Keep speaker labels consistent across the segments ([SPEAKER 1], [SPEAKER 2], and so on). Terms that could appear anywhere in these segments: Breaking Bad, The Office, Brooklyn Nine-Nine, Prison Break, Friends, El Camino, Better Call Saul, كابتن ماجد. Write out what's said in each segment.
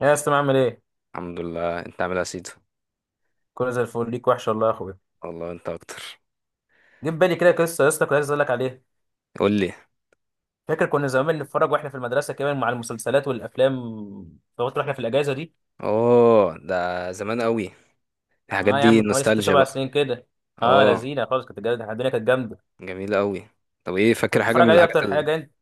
[SPEAKER 1] يا اسطى عامل ايه؟
[SPEAKER 2] الحمد لله، انت عامل ايه يا سيدو؟
[SPEAKER 1] كله زي الفل. ليك وحش والله يا اخويا.
[SPEAKER 2] والله انت اكتر.
[SPEAKER 1] جه في بالي كده قصه يا اسطى، كنت عايز اقول لك عليها.
[SPEAKER 2] قول لي.
[SPEAKER 1] فاكر كنا زمان بنتفرج واحنا في المدرسه كمان مع المسلسلات والافلام؟ فقلت احنا في الاجازه دي،
[SPEAKER 2] اوه ده زمان قوي. الحاجات
[SPEAKER 1] اه يا عم،
[SPEAKER 2] دي
[SPEAKER 1] من حوالي ست
[SPEAKER 2] نوستالجيا
[SPEAKER 1] سبع
[SPEAKER 2] بقى.
[SPEAKER 1] سنين كده. اه
[SPEAKER 2] اه
[SPEAKER 1] لذينه خالص، كانت جامده الدنيا، كانت جامده.
[SPEAKER 2] جميله قوي. طب ايه
[SPEAKER 1] كنت
[SPEAKER 2] فاكر حاجه
[SPEAKER 1] بتتفرج
[SPEAKER 2] من
[SPEAKER 1] عليه اكتر حاجه انت؟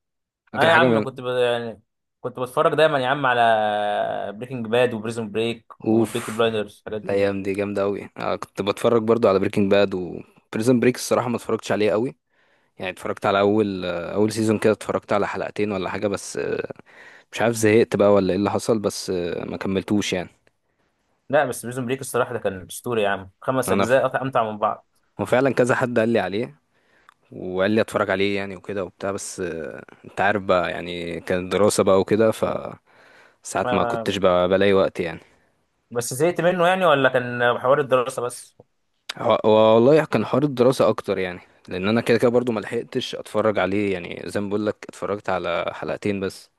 [SPEAKER 1] اه
[SPEAKER 2] فاكر
[SPEAKER 1] يا
[SPEAKER 2] حاجه
[SPEAKER 1] عم
[SPEAKER 2] من
[SPEAKER 1] كنت يعني كنت بتفرج دايما يا عم على بريكنج باد وبريزون بريك والبيكي
[SPEAKER 2] اوف
[SPEAKER 1] بلايندرز الحاجات دي.
[SPEAKER 2] الايام دي جامده قوي. انا كنت بتفرج برضو على بريكنج باد وبريزن بريك. الصراحه ما اتفرجتش عليه قوي يعني. اتفرجت على اول اول سيزون كده، اتفرجت على حلقتين ولا حاجه بس، مش عارف زهقت بقى ولا ايه اللي حصل، بس ما كملتوش يعني.
[SPEAKER 1] لا بس بريزون بريك الصراحه ده كان اسطوري يا عم، خمس
[SPEAKER 2] انا ف...
[SPEAKER 1] اجزاء امتع من بعض.
[SPEAKER 2] وفعلا كذا حد قال لي عليه وقال لي اتفرج عليه يعني وكده وبتاع، بس انت عارف بقى، يعني كانت دراسة بقى وكده، فساعات ما كنتش
[SPEAKER 1] ما-
[SPEAKER 2] بقى بلاقي وقت يعني.
[SPEAKER 1] بس زهقت منه يعني، ولا كان حوار الدراسه بس؟
[SPEAKER 2] هو والله كان حوار الدراسة اكتر يعني، لان انا كده كده برضو ما لحقتش اتفرج عليه يعني. زي ما بقول لك اتفرجت على حلقتين بس.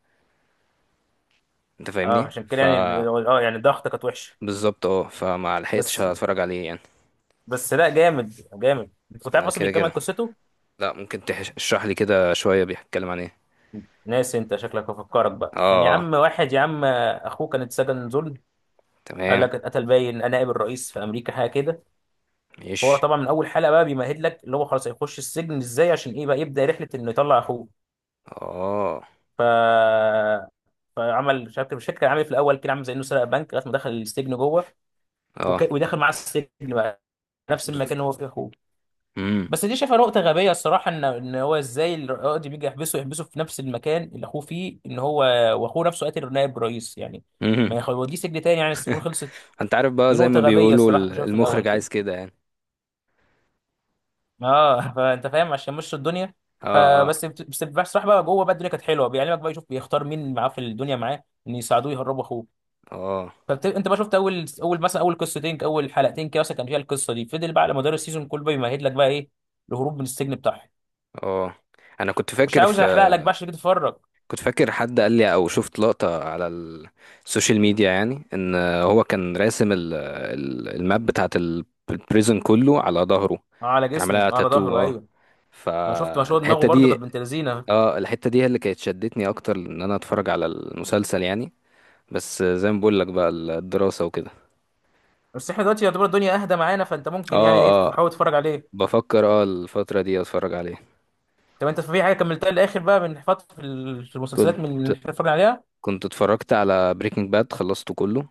[SPEAKER 2] انت
[SPEAKER 1] اه
[SPEAKER 2] فاهمني؟
[SPEAKER 1] عشان كده
[SPEAKER 2] ف
[SPEAKER 1] يعني. اه يعني ضغطة كانت وحشه
[SPEAKER 2] بالظبط اه، فما
[SPEAKER 1] بس.
[SPEAKER 2] لحقتش اتفرج عليه يعني.
[SPEAKER 1] بس لا جامد، جامد. انت كنت عارف اصلا
[SPEAKER 2] كده
[SPEAKER 1] بيكمل
[SPEAKER 2] كده.
[SPEAKER 1] قصته؟
[SPEAKER 2] لا ممكن تشرح لي كده شوية بيتكلم عن ايه؟
[SPEAKER 1] ناسي انت، شكلك هفكرك بقى.
[SPEAKER 2] اه
[SPEAKER 1] كان يا عم واحد يا عم اخوه كان اتسجن ظلم، قال
[SPEAKER 2] تمام.
[SPEAKER 1] لك اتقتل باين نائب الرئيس في امريكا حاجه كده. فهو
[SPEAKER 2] ماشي.
[SPEAKER 1] طبعا من اول حلقه بقى بيمهد لك اللي هو خلاص هيخش السجن ازاي، عشان ايه بقى يبدا رحله انه يطلع اخوه.
[SPEAKER 2] اه
[SPEAKER 1] ف فعمل مش عارف، مش فاكر كان عامل إيه في الاول، كده عامل زي انه سرق بنك لغايه ما دخل السجن جوه.
[SPEAKER 2] اه.
[SPEAKER 1] ودخل معاه السجن بقى، نفس
[SPEAKER 2] بز-
[SPEAKER 1] المكان اللي هو فيه اخوه.
[SPEAKER 2] مم.
[SPEAKER 1] بس دي شايفها نقطة غبية الصراحة، ان هو ازاي القاضي بيجي يحبسه، يحبسه في نفس المكان اللي اخوه فيه، ان هو واخوه نفسه قاتل نائب رئيس يعني. ما يخلوديه سجن تاني يعني، السجون خلصت؟
[SPEAKER 2] انت عارف بقى،
[SPEAKER 1] دي
[SPEAKER 2] زي ما
[SPEAKER 1] نقطة غبية
[SPEAKER 2] بيقولوا
[SPEAKER 1] الصراحة كنت شايفها في الأول
[SPEAKER 2] المخرج
[SPEAKER 1] كده.
[SPEAKER 2] عايز كده يعني.
[SPEAKER 1] اه فأنت فاهم عشان مشوا الدنيا.
[SPEAKER 2] اه
[SPEAKER 1] فبس
[SPEAKER 2] اه.
[SPEAKER 1] بت- بس بصراحة بقى جوه بقى الدنيا كانت حلوة، بيعلمك بقى، يشوف بيختار مين معاه في الدنيا معاه ان يساعدوه يهربوا اخوه.
[SPEAKER 2] اه
[SPEAKER 1] فانت بقى شفت اول اول مثلا، اول قصتين اول حلقتين كده مثلا كان فيها القصة دي، فضل بقى على مدار السيزون كله بيمهد لك بقى ايه، الهروب من السجن بتاعهم.
[SPEAKER 2] اه. انا كنت
[SPEAKER 1] مش
[SPEAKER 2] فاكر
[SPEAKER 1] عاوز
[SPEAKER 2] في
[SPEAKER 1] احرق لك بقى عشان كده تتفرج.
[SPEAKER 2] كنت فاكر حد قال لي او شفت لقطة على السوشيال ميديا، يعني ان هو كان راسم الماب بتاعت البريزن كله على ظهره.
[SPEAKER 1] اه على
[SPEAKER 2] كان عاملها
[SPEAKER 1] جسمه، آه على
[SPEAKER 2] تاتو
[SPEAKER 1] ظهره
[SPEAKER 2] اه.
[SPEAKER 1] ايوه. ما شفت، ما شو دماغه
[SPEAKER 2] فالحتة
[SPEAKER 1] برضو، كانت
[SPEAKER 2] دي
[SPEAKER 1] بنت لذينه.
[SPEAKER 2] اه، الحتة دي هي اللي كانت شدتني اكتر ان انا اتفرج على المسلسل يعني. بس زي ما بقول لك بقى الدراسة وكده.
[SPEAKER 1] بس احنا دلوقتي يعتبر الدنيا اهدى معانا، فانت ممكن يعني
[SPEAKER 2] اه
[SPEAKER 1] ايه
[SPEAKER 2] اه،
[SPEAKER 1] تحاول تتفرج عليه.
[SPEAKER 2] بفكر اه الفترة دي اتفرج عليه.
[SPEAKER 1] طب انت في حاجه كملتها للاخر بقى من فتره، في في المسلسلات
[SPEAKER 2] كنت
[SPEAKER 1] من اللي احنا بنتفرج عليها؟
[SPEAKER 2] كنت اتفرجت على بريكنج باد، خلصته كله،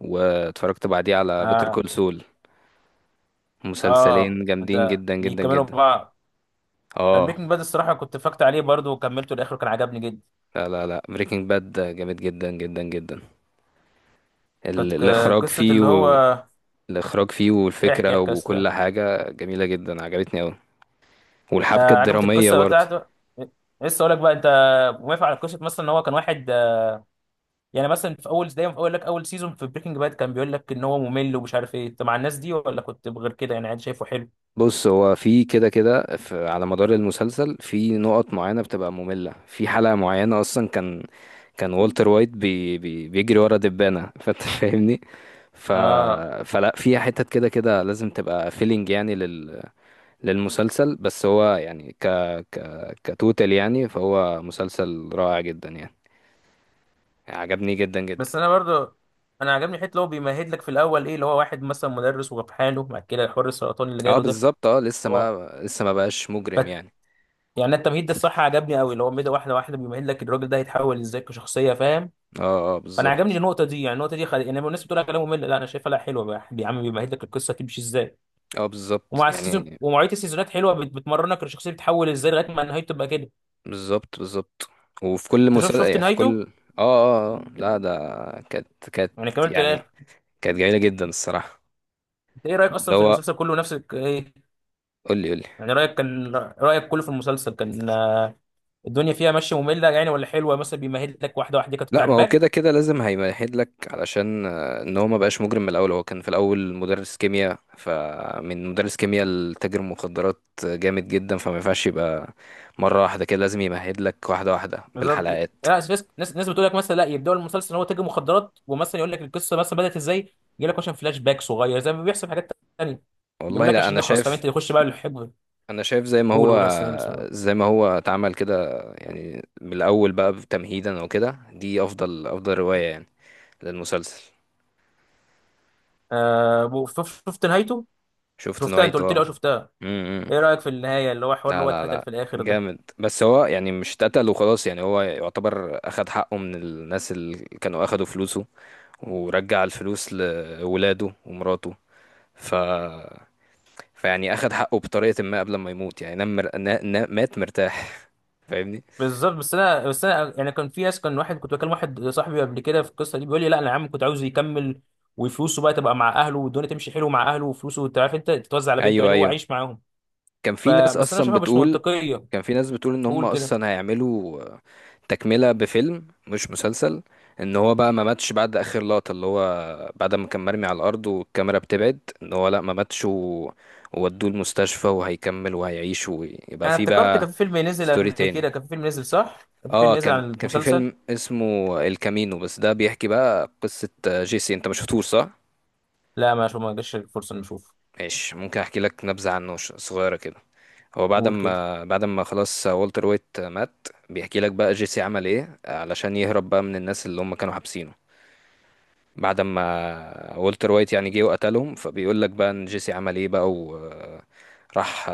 [SPEAKER 2] واتفرجت بعديه على بيتر
[SPEAKER 1] اه
[SPEAKER 2] كول سول. مسلسلين
[SPEAKER 1] اه
[SPEAKER 2] جامدين
[SPEAKER 1] انت
[SPEAKER 2] جدا جدا
[SPEAKER 1] بيكملوا
[SPEAKER 2] جدا.
[SPEAKER 1] بعض. انا
[SPEAKER 2] اه.
[SPEAKER 1] بريكنج باد الصراحه كنت فكت عليه برضو وكملته للاخر، وكان عجبني جدا.
[SPEAKER 2] لا لا لا، بريكنج باد جامد جدا جدا جدا.
[SPEAKER 1] كانت
[SPEAKER 2] الاخراج
[SPEAKER 1] قصه
[SPEAKER 2] فيه
[SPEAKER 1] اللي هو،
[SPEAKER 2] الاخراج فيه
[SPEAKER 1] احكي
[SPEAKER 2] والفكرة
[SPEAKER 1] احكي اصلا.
[SPEAKER 2] وكل حاجة جميلة جدا، عجبتني اوي. والحبكة
[SPEAKER 1] آه عجبت
[SPEAKER 2] الدرامية
[SPEAKER 1] القصه
[SPEAKER 2] برضه.
[SPEAKER 1] بتاعته. إيه، لسه اقول لك بقى انت موافق على قصه مثلا ان هو كان واحد، يعني مثلا في اول دايما، في اول لك اول سيزون في بريكنج باد كان بيقول لك ان هو ممل ومش عارف ايه، انت مع الناس دي ولا كنت غير كده؟ يعني عادي شايفه حلو؟
[SPEAKER 2] بص هو في كده كده، على مدار المسلسل في نقط معينة بتبقى مملة. في حلقة معينة اصلا كان كان والتر وايت بي بيجري ورا دبانة فانت فاهمني. ف...
[SPEAKER 1] اه
[SPEAKER 2] فلا فيها حتت كده كده لازم تبقى فيلينج، يعني للمسلسل، بس هو يعني ك... كتوتال يعني. فهو مسلسل رائع جدا يعني، عجبني جدا جدا.
[SPEAKER 1] بس انا برضه، انا عجبني حته اللي هو بيمهد لك في الاول ايه، اللي هو واحد مثلا مدرس وفي حاله بعد كده حوار السرطان اللي
[SPEAKER 2] اه
[SPEAKER 1] جاله ده.
[SPEAKER 2] بالظبط، اه لسه
[SPEAKER 1] هو
[SPEAKER 2] ما لسه ما بقاش
[SPEAKER 1] ف
[SPEAKER 2] مجرم يعني.
[SPEAKER 1] يعني التمهيد ده الصراحه عجبني قوي، اللي هو مدى واحده واحده بيمهد لك الراجل ده هيتحول ازاي كشخصيه، فاهم؟
[SPEAKER 2] اه اه
[SPEAKER 1] فانا عجبني
[SPEAKER 2] بالظبط.
[SPEAKER 1] النقطه دي، يعني النقطه دي يعني الناس بتقول لك كلام ممل، لا انا شايفها لا حلوه بقى. يا عم بيمهد لك القصه تمشي ازاي.
[SPEAKER 2] اه بالظبط
[SPEAKER 1] ومع السيزون
[SPEAKER 2] يعني.
[SPEAKER 1] ومواعيد السيزونات حلوه، بتمرنك الشخصيه بتتحول ازاي لغايه ما نهايته تبقى كده.
[SPEAKER 2] بالظبط بالظبط. وفي كل
[SPEAKER 1] انت شوف، شفت
[SPEAKER 2] مسلسل في
[SPEAKER 1] نهايته؟
[SPEAKER 2] كل اه اه لا ده كانت
[SPEAKER 1] يعني كملت
[SPEAKER 2] يعني
[SPEAKER 1] الاخر؟
[SPEAKER 2] كانت جميلة جدا الصراحة.
[SPEAKER 1] انت ايه رايك
[SPEAKER 2] اللي
[SPEAKER 1] اصلا في
[SPEAKER 2] هو
[SPEAKER 1] المسلسل كله، نفسك ايه؟
[SPEAKER 2] قول لي قول لي.
[SPEAKER 1] يعني رايك كان، رايك كله في المسلسل كان آه، الدنيا فيها ماشيه ممله يعني ولا حلوه، مثلا بيمهد لك واحده واحده كانت
[SPEAKER 2] لا ما هو
[SPEAKER 1] عاجباك؟
[SPEAKER 2] كده كده لازم هيمهد لك علشان ان هو ما بقاش مجرم من الاول. هو كان في الاول مدرس كيمياء، فمن مدرس كيمياء لتاجر مخدرات جامد جدا. فما ينفعش يبقى مره واحده كده، لازم يمهد لك واحده واحده
[SPEAKER 1] بالظبط. لا
[SPEAKER 2] بالحلقات.
[SPEAKER 1] ناس، ناس ناس بتقول لك مثلا لا يبداوا المسلسل ان هو تاجر مخدرات ومثلا يقول لك القصه مثلا بدات ازاي، يجي لك مثلا فلاش باك صغير زي ما بيحصل في حاجات تانيه. يقول
[SPEAKER 2] والله
[SPEAKER 1] لك
[SPEAKER 2] لا
[SPEAKER 1] عشان
[SPEAKER 2] انا
[SPEAKER 1] نخلص، فاهم
[SPEAKER 2] شايف
[SPEAKER 1] انت، يخش بقى الحب.
[SPEAKER 2] انا شايف زي ما
[SPEAKER 1] قول
[SPEAKER 2] هو
[SPEAKER 1] قول، يا سلام سلام.
[SPEAKER 2] زي ما هو اتعمل كده يعني من الاول بقى تمهيدا وكده، دي افضل روايه يعني للمسلسل.
[SPEAKER 1] آه شفت نهايته؟
[SPEAKER 2] شفت
[SPEAKER 1] شفتها، انت قلت
[SPEAKER 2] نوعيته.
[SPEAKER 1] لي اه شفتها.
[SPEAKER 2] اه
[SPEAKER 1] ايه رايك في النهايه اللي هو حوار اللي
[SPEAKER 2] لا
[SPEAKER 1] هو
[SPEAKER 2] لا
[SPEAKER 1] اتقتل
[SPEAKER 2] لا
[SPEAKER 1] في الاخر ده؟
[SPEAKER 2] جامد. بس هو يعني مش اتقتل وخلاص يعني، هو يعتبر اخد حقه من الناس اللي كانوا اخدوا فلوسه، ورجع الفلوس لولاده ومراته. ف فيعني اخد حقه بطريقة ما قبل ما يموت يعني. نام مات مرتاح فاهمني.
[SPEAKER 1] بالظبط، بس انا، يعني كان في ناس، كان واحد كنت بكلم واحد صاحبي قبل كده في القصه دي، بيقول لي لا انا يا عم كنت عاوزه يكمل، وفلوسه بقى تبقى مع اهله والدنيا تمشي حلو مع اهله وفلوسه، انت عارف انت، تتوزع على بنته
[SPEAKER 2] ايوه
[SPEAKER 1] عادي وهو
[SPEAKER 2] ايوه.
[SPEAKER 1] عايش معاهم.
[SPEAKER 2] كان في ناس
[SPEAKER 1] فبس انا
[SPEAKER 2] اصلا
[SPEAKER 1] شايفها مش
[SPEAKER 2] بتقول
[SPEAKER 1] منطقيه.
[SPEAKER 2] كان في ناس بتقول ان هم
[SPEAKER 1] قول كده.
[SPEAKER 2] اصلا هيعملوا تكملة بفيلم مش مسلسل. ان هو بقى ما ماتش بعد اخر لقطة، اللي هو بعد ما كان مرمي على الارض والكاميرا بتبعد، ان هو لا ما ماتش وودوه المستشفى وهيكمل وهيعيش ويبقى
[SPEAKER 1] انا
[SPEAKER 2] في
[SPEAKER 1] افتكرت
[SPEAKER 2] بقى
[SPEAKER 1] كان في فيلم نزل
[SPEAKER 2] ستوري
[SPEAKER 1] قبل
[SPEAKER 2] تاني.
[SPEAKER 1] كده، كان في فيلم نزل صح، كان في
[SPEAKER 2] اه
[SPEAKER 1] فيلم نزل عن
[SPEAKER 2] كان كان في
[SPEAKER 1] المسلسل.
[SPEAKER 2] فيلم اسمه الكامينو، بس ده بيحكي بقى قصة جيسي. انت ما شفتوش صح؟
[SPEAKER 1] لا ما شو، ما جاش الفرصه نشوفه.
[SPEAKER 2] ماشي، ممكن احكي لك نبذة عنه صغيرة كده. هو بعد
[SPEAKER 1] قول كده.
[SPEAKER 2] ما بعد ما خلاص والتر وايت مات، بيحكي لك بقى جيسي عمل ايه علشان يهرب بقى من الناس اللي هم كانوا حابسينه. بعد ما والتر وايت يعني جه وقتلهم، فبيقول لك بقى ان جيسي عمل ايه بقى. وراح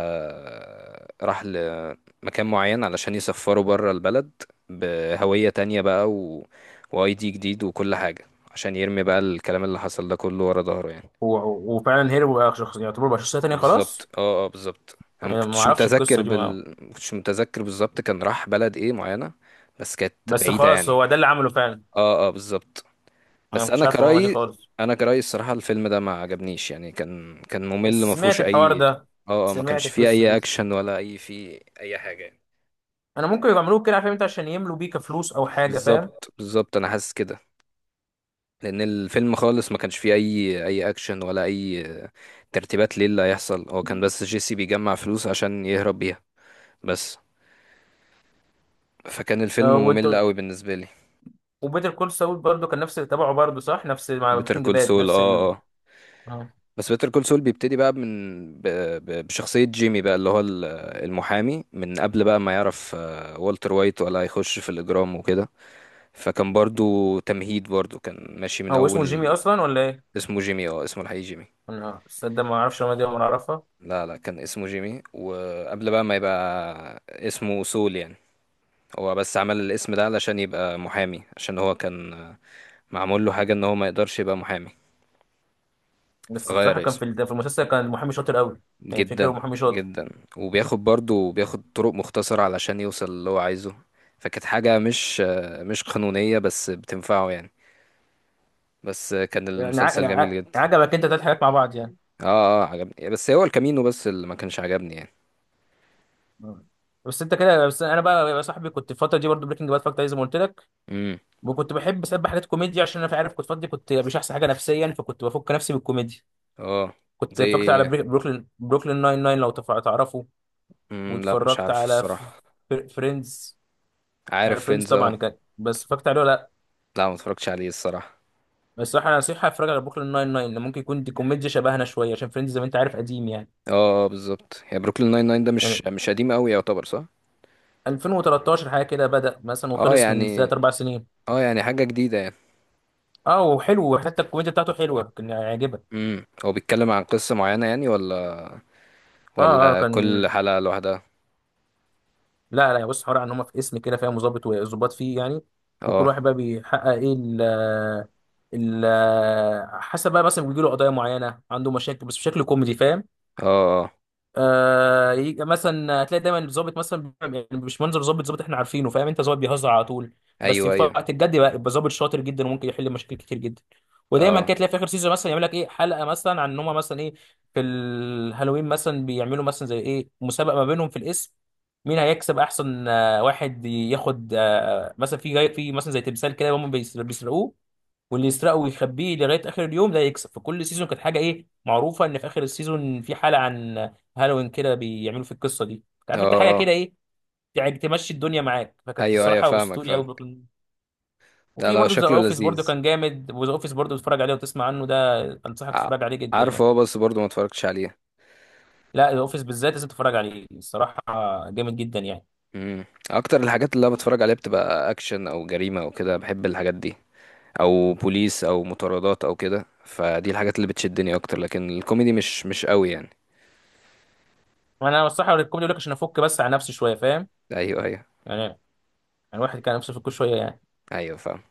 [SPEAKER 2] راح لمكان معين علشان يسفره بره البلد بهوية تانية بقى واي دي جديد وكل حاجة، عشان يرمي بقى الكلام اللي حصل ده كله ورا ظهره يعني.
[SPEAKER 1] وفعلا هيرو بقى شخص، يعتبر بقى شخصيه تانيه
[SPEAKER 2] بالظبط
[SPEAKER 1] خلاص.
[SPEAKER 2] اه اه بالظبط. انا
[SPEAKER 1] يعني ما اعرفش القصه دي، ما
[SPEAKER 2] ما كنتش متذكر بالظبط كان راح بلد ايه معينة، بس كانت
[SPEAKER 1] بس
[SPEAKER 2] بعيدة
[SPEAKER 1] خلاص
[SPEAKER 2] يعني.
[SPEAKER 1] هو ده اللي عمله فعلا.
[SPEAKER 2] اه اه بالظبط.
[SPEAKER 1] انا ما
[SPEAKER 2] بس
[SPEAKER 1] كنتش
[SPEAKER 2] انا
[SPEAKER 1] عارف المعلومه دي
[SPEAKER 2] كرأيي
[SPEAKER 1] خالص،
[SPEAKER 2] انا كرأيي الصراحة الفيلم ده ما عجبنيش يعني. كان كان
[SPEAKER 1] بس
[SPEAKER 2] ممل، ما
[SPEAKER 1] سمعت
[SPEAKER 2] فيهوش
[SPEAKER 1] الحوار
[SPEAKER 2] اي
[SPEAKER 1] ده،
[SPEAKER 2] اه اه، ما
[SPEAKER 1] سمعت
[SPEAKER 2] كانش فيه
[SPEAKER 1] القصه
[SPEAKER 2] اي
[SPEAKER 1] دي.
[SPEAKER 2] اكشن ولا اي فيه اي حاجة يعني.
[SPEAKER 1] انا ممكن يعملوه كده، عارف انت، عشان يملوا بيه كفلوس او حاجه، فاهم.
[SPEAKER 2] بالظبط بالظبط انا حاسس كده، لان الفيلم خالص ما كانش فيه اي اي اكشن ولا اي ترتيبات ليه اللي هيحصل. هو كان بس جيسي بيجمع فلوس عشان يهرب بيها بس، فكان الفيلم
[SPEAKER 1] آه، وانت.
[SPEAKER 2] ممل قوي بالنسبه لي.
[SPEAKER 1] وبيتر كول ساول برضه كان نفس اللي تبعه برضه صح، نفس مع
[SPEAKER 2] بيتر
[SPEAKER 1] بريكنج
[SPEAKER 2] كول
[SPEAKER 1] باد
[SPEAKER 2] سول
[SPEAKER 1] نفس
[SPEAKER 2] اه
[SPEAKER 1] ال...
[SPEAKER 2] اه.
[SPEAKER 1] آه.
[SPEAKER 2] بس بيتر كول سول بيبتدي بقى من بشخصيه جيمي بقى، اللي هو المحامي من قبل بقى ما يعرف والتر وايت ولا هيخش في الاجرام وكده. فكان برضو تمهيد برضو كان ماشي من
[SPEAKER 1] هو اسمه جيمي
[SPEAKER 2] اول.
[SPEAKER 1] اصلا ولا ايه؟
[SPEAKER 2] اسمه جيمي اه، اسمه الحقيقي جيمي.
[SPEAKER 1] انا صدق ما اعرفش المعلومة دي ولا اعرفها.
[SPEAKER 2] لا لا، كان اسمه جيمي وقبل بقى ما يبقى اسمه سول يعني. هو بس عمل الاسم ده علشان يبقى محامي، عشان هو كان معمول له حاجه ان هو ما يقدرش يبقى محامي،
[SPEAKER 1] بس بصراحه
[SPEAKER 2] فغير
[SPEAKER 1] كان
[SPEAKER 2] اسمه.
[SPEAKER 1] في في المسلسل كان محامي شاطر قوي، يعني فكره
[SPEAKER 2] جدا
[SPEAKER 1] محامي شاطر.
[SPEAKER 2] جدا. وبياخد برضه بياخد طرق مختصرة علشان يوصل اللي هو عايزه، فكانت حاجة مش مش قانونية بس بتنفعه يعني. بس كان
[SPEAKER 1] يعني يعني
[SPEAKER 2] المسلسل جميل جدا.
[SPEAKER 1] عجبك انت تلات حاجات مع بعض يعني.
[SPEAKER 2] اه اه عجبني، بس هو الكامينو بس اللي ما كانش عجبني يعني.
[SPEAKER 1] آه. بس انت كده، بس انا بقى يا صاحبي كنت الفتره دي برضه بريكنج باد فاكت زي ما قلت لك،
[SPEAKER 2] امم.
[SPEAKER 1] وكنت بحب اسبح حاجات كوميديا عشان انا في، عارف كنت فاضي، كنت مش احسن حاجه نفسيا، فكنت بفك نفسي بالكوميديا.
[SPEAKER 2] اه.
[SPEAKER 1] كنت
[SPEAKER 2] زي
[SPEAKER 1] اتفرجت على
[SPEAKER 2] إيه؟
[SPEAKER 1] بروكلين، بروكلين ناين ناين لو تعرفه.
[SPEAKER 2] لا مش
[SPEAKER 1] واتفرجت
[SPEAKER 2] عارف
[SPEAKER 1] على
[SPEAKER 2] الصراحة.
[SPEAKER 1] فريندز. على
[SPEAKER 2] عارف
[SPEAKER 1] فريندز
[SPEAKER 2] فينز
[SPEAKER 1] طبعا
[SPEAKER 2] اه.
[SPEAKER 1] كان، بس اتفرجت عليه ولا لا؟
[SPEAKER 2] لا ما اتفرجتش عليه الصراحة.
[SPEAKER 1] بس الصراحه انا نصيحه اتفرج على بروكلين ناين ناين، لأن ممكن يكون دي كوميديا شبهنا شويه، عشان فريندز زي ما انت عارف قديم يعني.
[SPEAKER 2] اه اه بالظبط، هي بروكلين ناين ناين ده مش
[SPEAKER 1] يعني
[SPEAKER 2] مش قديم قوي يعتبر صح؟
[SPEAKER 1] 2013 حاجه كده بدأ مثلا،
[SPEAKER 2] اه
[SPEAKER 1] وخلص من
[SPEAKER 2] يعني،
[SPEAKER 1] ثلاث اربع سنين.
[SPEAKER 2] اه يعني حاجة جديدة يعني.
[SPEAKER 1] اه وحلو، وحتى الكوميديا بتاعته حلوه كان يعجبك.
[SPEAKER 2] هو بيتكلم عن قصة معينة يعني، ولا
[SPEAKER 1] اه اه
[SPEAKER 2] ولا
[SPEAKER 1] كان.
[SPEAKER 2] كل حلقة لوحدها؟
[SPEAKER 1] لا لا بص، حوار ان هم في اسم كده فاهم، وظابط وظباط فيه يعني، وكل
[SPEAKER 2] اه
[SPEAKER 1] واحد بقى بيحقق ايه، ال ال حسب بقى، مثلا بيجي له قضايا معينه، عنده مشاكل، بس بشكل كوميدي فاهم.
[SPEAKER 2] اه اه.
[SPEAKER 1] آه، يجي مثلا هتلاقي دايما الظابط مثلا يعني مش منظر ظابط، ظابط احنا عارفينه فاهم انت، ظابط بيهزر على طول، بس
[SPEAKER 2] ايوه
[SPEAKER 1] في
[SPEAKER 2] ايوه.
[SPEAKER 1] وقت الجد بقى يبقى ظابط شاطر جدا وممكن يحل مشاكل كتير جدا. ودايما
[SPEAKER 2] اه
[SPEAKER 1] كده تلاقي في اخر سيزون مثلا يعمل لك ايه، حلقه مثلا عن ان هم مثلا ايه، في الهالوين مثلا بيعملوا مثلا زي ايه، مسابقه ما بينهم في الاسم، مين هيكسب احسن آه، واحد ياخد آه، مثلا في جاي في مثلا زي تمثال كده هم بيسرقوه، واللي يسرقه ويخبيه لغايه اخر اليوم ده يكسب. فكل سيزون كانت حاجه ايه معروفه، ان في اخر السيزون في حلقه عن هالوين كده بيعملوا في القصه دي. انت
[SPEAKER 2] اه
[SPEAKER 1] عارف انت، حاجه
[SPEAKER 2] اه.
[SPEAKER 1] كده ايه، يعني تمشي الدنيا معاك، فكانت
[SPEAKER 2] ايوه ايوه
[SPEAKER 1] الصراحه
[SPEAKER 2] فاهمك
[SPEAKER 1] اسطوري قوي
[SPEAKER 2] فاهمك.
[SPEAKER 1] بروكلين.
[SPEAKER 2] لا
[SPEAKER 1] وفي
[SPEAKER 2] لو
[SPEAKER 1] برضه ذا
[SPEAKER 2] شكله
[SPEAKER 1] اوفيس، برضه
[SPEAKER 2] لذيذ.
[SPEAKER 1] كان جامد، وذا اوفيس برضه تتفرج عليه وتسمع عنه، ده انصحك
[SPEAKER 2] ع-
[SPEAKER 1] تتفرج عليه جدا
[SPEAKER 2] عارفه
[SPEAKER 1] يعني.
[SPEAKER 2] هو بس برضه ما اتفرجتش عليه.
[SPEAKER 1] لا ذا اوفيس بالذات لازم تتفرج عليه الصراحه، جامد جدا يعني.
[SPEAKER 2] امم. اكتر الحاجات اللي انا بتفرج عليها بتبقى اكشن او جريمة او كده، بحب الحاجات دي، او بوليس او مطاردات او كده. فدي الحاجات اللي بتشدني اكتر، لكن الكوميدي مش مش قوي يعني.
[SPEAKER 1] انا الصراحه الكوميدي لك عشان افك بس على نفسي شويه، فاهم.
[SPEAKER 2] ايوه ايوه.
[SPEAKER 1] يعني يعني الواحد كان نفسه يفك شويه يعني.
[SPEAKER 2] ايوه فاهم.